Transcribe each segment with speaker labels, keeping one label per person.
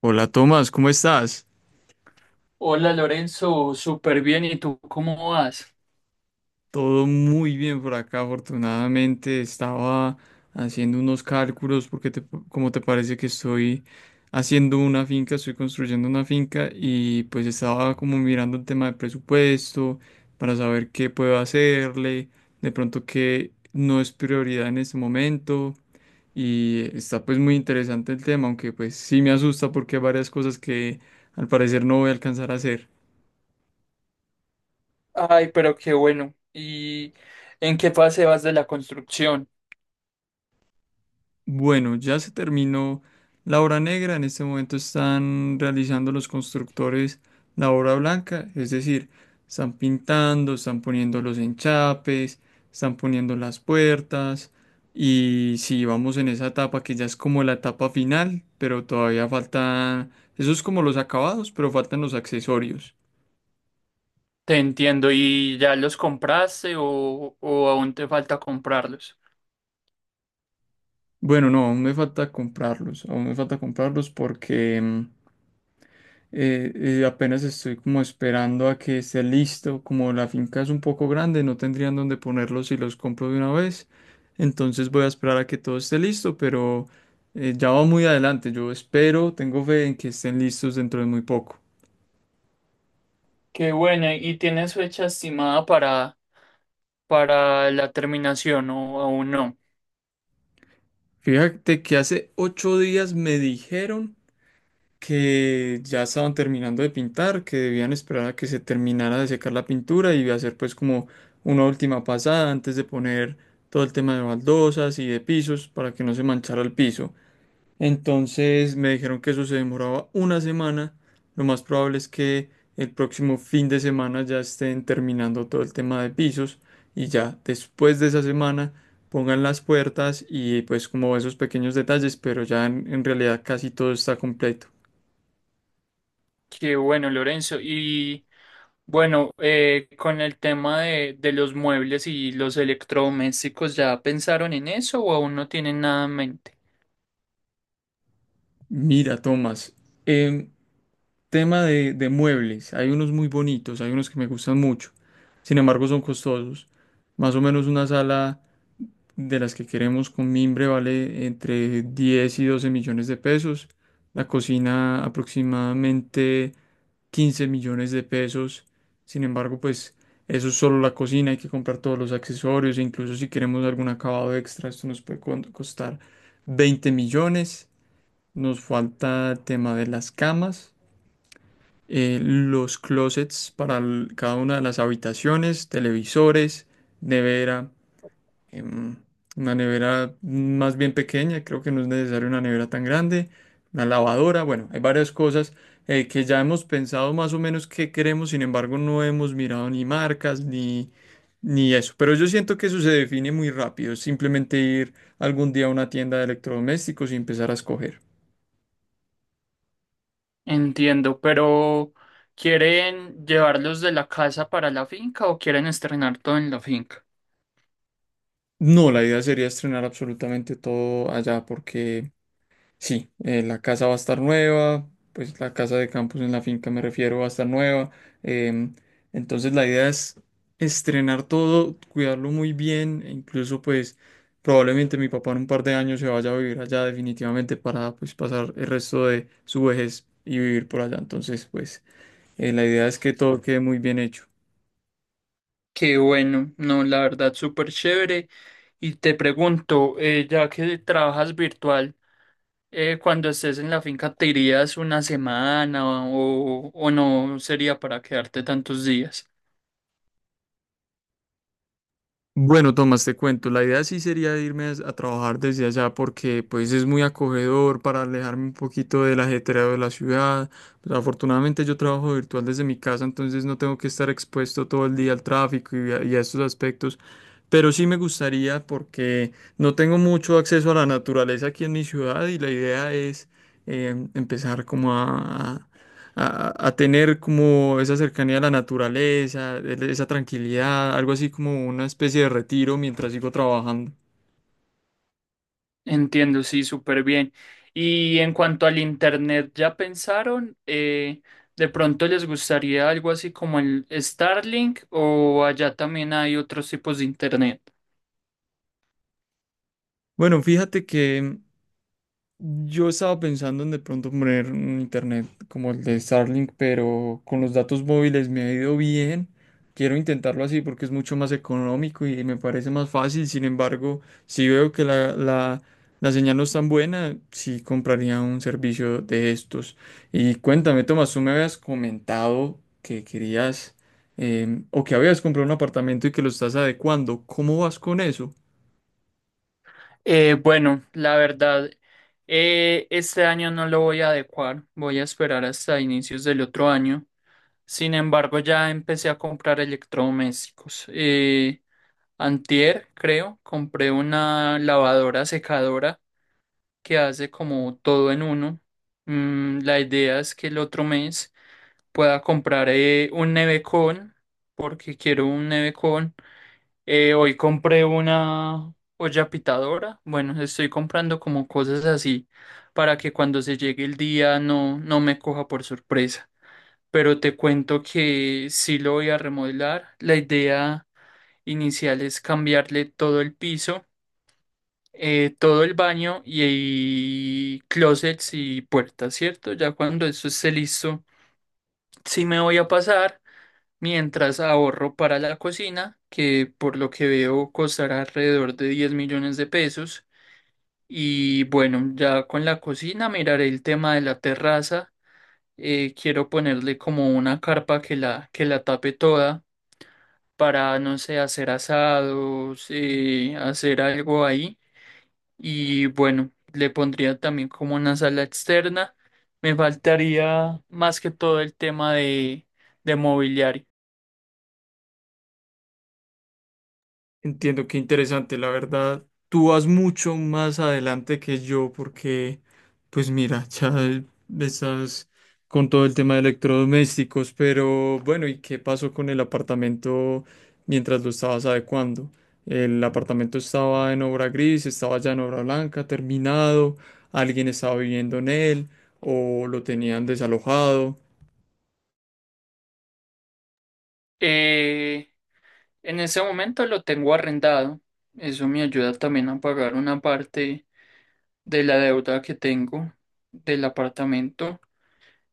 Speaker 1: Hola Tomás, ¿cómo estás?
Speaker 2: Hola Lorenzo, súper bien. ¿Y tú cómo vas?
Speaker 1: Todo muy bien por acá, afortunadamente. Estaba haciendo unos cálculos porque como te parece que estoy haciendo una finca, estoy construyendo una finca y pues estaba como mirando el tema de presupuesto para saber qué puedo hacerle, de pronto qué no es prioridad en este momento y está pues muy interesante el tema, aunque pues sí me asusta porque hay varias cosas que al parecer no voy a alcanzar a hacer.
Speaker 2: Ay, pero qué bueno. ¿Y en qué fase vas de la construcción?
Speaker 1: Bueno, ya se terminó la obra negra. En este momento están realizando los constructores la obra blanca, es decir, están pintando, están poniendo los enchapes, están poniendo las puertas. Y si vamos en esa etapa que ya es como la etapa final, pero todavía faltan, eso es como los acabados, pero faltan los accesorios.
Speaker 2: Te entiendo. ¿Y ya los compraste o aún te falta comprarlos?
Speaker 1: Bueno, no, aún me falta comprarlos, aún me falta comprarlos porque apenas estoy como esperando a que esté listo, como la finca es un poco grande, no tendrían dónde ponerlos si los compro de una vez. Entonces voy a esperar a que todo esté listo, pero ya va muy adelante. Yo espero, tengo fe en que estén listos dentro de muy poco.
Speaker 2: Qué bueno. ¿Y tienes fecha estimada para la terminación o aún no?
Speaker 1: Fíjate que hace 8 días me dijeron que ya estaban terminando de pintar, que debían esperar a que se terminara de secar la pintura y hacer pues como una última pasada antes de poner todo el tema de baldosas y de pisos para que no se manchara el piso. Entonces me dijeron que eso se demoraba una semana. Lo más probable es que el próximo fin de semana ya estén terminando todo el tema de pisos y ya después de esa semana pongan las puertas y pues como esos pequeños detalles, pero ya en realidad casi todo está completo.
Speaker 2: Qué bueno, Lorenzo. Y bueno, con el tema de los muebles y los electrodomésticos, ¿ya pensaron en eso o aún no tienen nada en mente?
Speaker 1: Mira, Tomás, em, tema de muebles, hay unos muy bonitos, hay unos que me gustan mucho, sin embargo son costosos. Más o menos una sala de las que queremos con mimbre vale entre 10 y 12 millones de pesos, la cocina aproximadamente 15 millones de pesos, sin embargo pues eso es solo la cocina, hay que comprar todos los accesorios e incluso si queremos algún acabado extra, esto nos puede costar 20 millones. Nos falta el tema de las camas, los closets para cada una de las habitaciones, televisores, nevera, em, una nevera más bien pequeña, creo que no es necesario una nevera tan grande, una lavadora, bueno, hay varias cosas que ya hemos pensado más o menos qué queremos, sin embargo no hemos mirado ni marcas ni eso, pero yo siento que eso se define muy rápido, es simplemente ir algún día a una tienda de electrodomésticos y empezar a escoger.
Speaker 2: Entiendo, pero ¿quieren llevarlos de la casa para la finca o quieren estrenar todo en la finca?
Speaker 1: No, la idea sería estrenar absolutamente todo allá porque sí, la casa va a estar nueva, pues la casa de campus en la finca me refiero va a estar nueva. em, entonces la idea es estrenar todo, cuidarlo muy bien, e incluso pues probablemente mi papá en un par de años se vaya a vivir allá definitivamente para pues pasar el resto de su vejez y vivir por allá. Entonces pues la idea es que todo quede muy bien hecho.
Speaker 2: Qué bueno, no, la verdad, súper chévere. Y te pregunto, ya que trabajas virtual, cuando estés en la finca, ¿te irías una semana o no sería para quedarte tantos días?
Speaker 1: Bueno, Tomás, te cuento, la idea sí sería irme a trabajar desde allá porque pues es muy acogedor para alejarme un poquito del ajetreo de la ciudad. Pues, afortunadamente yo trabajo virtual desde mi casa, entonces no tengo que estar expuesto todo el día al tráfico y a estos aspectos. Pero sí me gustaría porque no tengo mucho acceso a la naturaleza aquí en mi ciudad y la idea es empezar a tener como esa cercanía a la naturaleza, esa tranquilidad, algo así como una especie de retiro mientras sigo trabajando.
Speaker 2: Entiendo, sí, súper bien. Y en cuanto al internet, ¿ya pensaron? ¿De pronto les gustaría algo así como el Starlink o allá también hay otros tipos de internet?
Speaker 1: Bueno, fíjate que yo estaba pensando en de pronto poner un internet como el de Starlink, pero con los datos móviles me ha ido bien. Quiero intentarlo así porque es mucho más económico y me parece más fácil. Sin embargo, si veo que la señal no es tan buena, sí compraría un servicio de estos. Y cuéntame, Tomás, tú me habías comentado que querías o que habías comprado un apartamento y que lo estás adecuando. ¿Cómo vas con eso?
Speaker 2: Bueno, la verdad, este año no lo voy a adecuar, voy a esperar hasta inicios del otro año. Sin embargo, ya empecé a comprar electrodomésticos. Antier, creo, compré una lavadora secadora que hace como todo en uno. La idea es que el otro mes pueda comprar un nevecón, porque quiero un nevecón. Hoy compré una olla pitadora. Bueno, estoy comprando como cosas así para que cuando se llegue el día no, no me coja por sorpresa. Pero te cuento que sí lo voy a remodelar. La idea inicial es cambiarle todo el piso, todo el baño y closets y puertas, ¿cierto? Ya cuando eso esté listo, sí me voy a pasar mientras ahorro para la cocina, que por lo que veo costará alrededor de 10 millones de pesos. Y bueno, ya con la cocina miraré el tema de la terraza. Quiero ponerle como una carpa que la tape toda para, no sé, hacer asados, hacer algo ahí. Y bueno, le pondría también como una sala externa. Me faltaría más que todo el tema de mobiliario.
Speaker 1: Entiendo, qué interesante, la verdad. Tú vas mucho más adelante que yo porque, pues mira, ya estás con todo el tema de electrodomésticos, pero bueno, ¿y qué pasó con el apartamento mientras lo estabas adecuando? El apartamento estaba en obra gris, estaba ya en obra blanca, terminado, alguien estaba viviendo en él o lo tenían desalojado.
Speaker 2: Eh, en ese momento lo tengo arrendado. Eso me ayuda también a pagar una parte de la deuda que tengo del apartamento.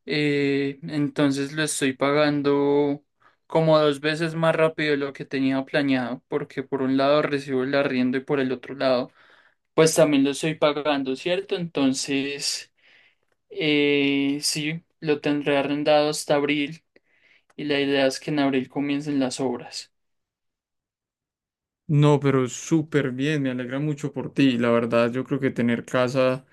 Speaker 2: Entonces lo estoy pagando como dos veces más rápido de lo que tenía planeado, porque por un lado recibo el arriendo y por el otro lado pues también lo estoy pagando, ¿cierto? Entonces, sí, lo tendré arrendado hasta abril y la idea es que en abril comiencen las obras.
Speaker 1: No, pero súper bien, me alegra mucho por ti. La verdad, yo creo que tener casa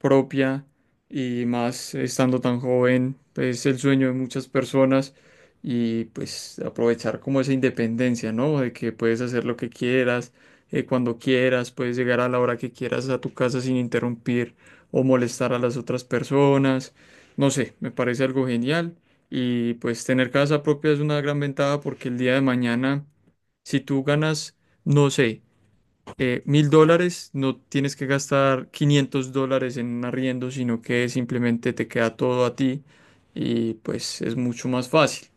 Speaker 1: propia y más estando tan joven pues, es el sueño de muchas personas y pues aprovechar como esa independencia, ¿no? De que puedes hacer lo que quieras, cuando quieras, puedes llegar a la hora que quieras a tu casa sin interrumpir o molestar a las otras personas. No sé, me parece algo genial y pues tener casa propia es una gran ventaja porque el día de mañana si tú ganas, no sé, 1.000 dólares, no tienes que gastar 500 dólares en un arriendo, sino que simplemente te queda todo a ti y pues es mucho más fácil.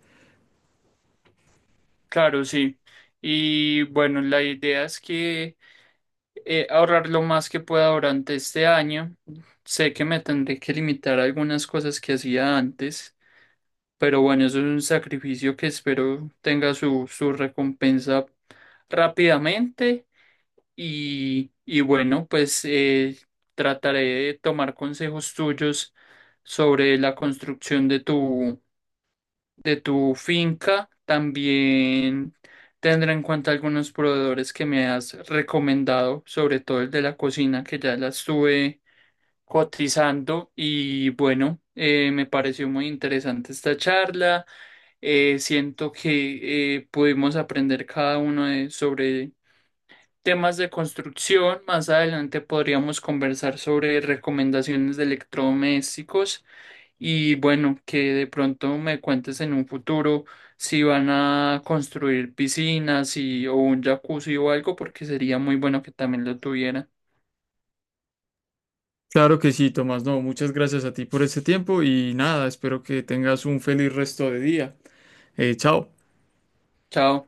Speaker 2: Claro, sí. Y bueno, la idea es que, ahorrar lo más que pueda durante este año. Sé que me tendré que limitar a algunas cosas que hacía antes, pero bueno, eso es un sacrificio que espero tenga su recompensa rápidamente. Y bueno, pues trataré de tomar consejos tuyos sobre la construcción de tu finca. También tendré en cuenta algunos proveedores que me has recomendado, sobre todo el de la cocina, que ya la estuve cotizando. Y bueno, me pareció muy interesante esta charla. Siento que pudimos aprender cada uno sobre temas de construcción. Más adelante podríamos conversar sobre recomendaciones de electrodomésticos y bueno, que de pronto me cuentes en un futuro si van a construir piscinas o un jacuzzi o algo, porque sería muy bueno que también lo tuvieran.
Speaker 1: Claro que sí, Tomás. No, muchas gracias a ti por este tiempo y nada, espero que tengas un feliz resto de día. Chao.
Speaker 2: Chao.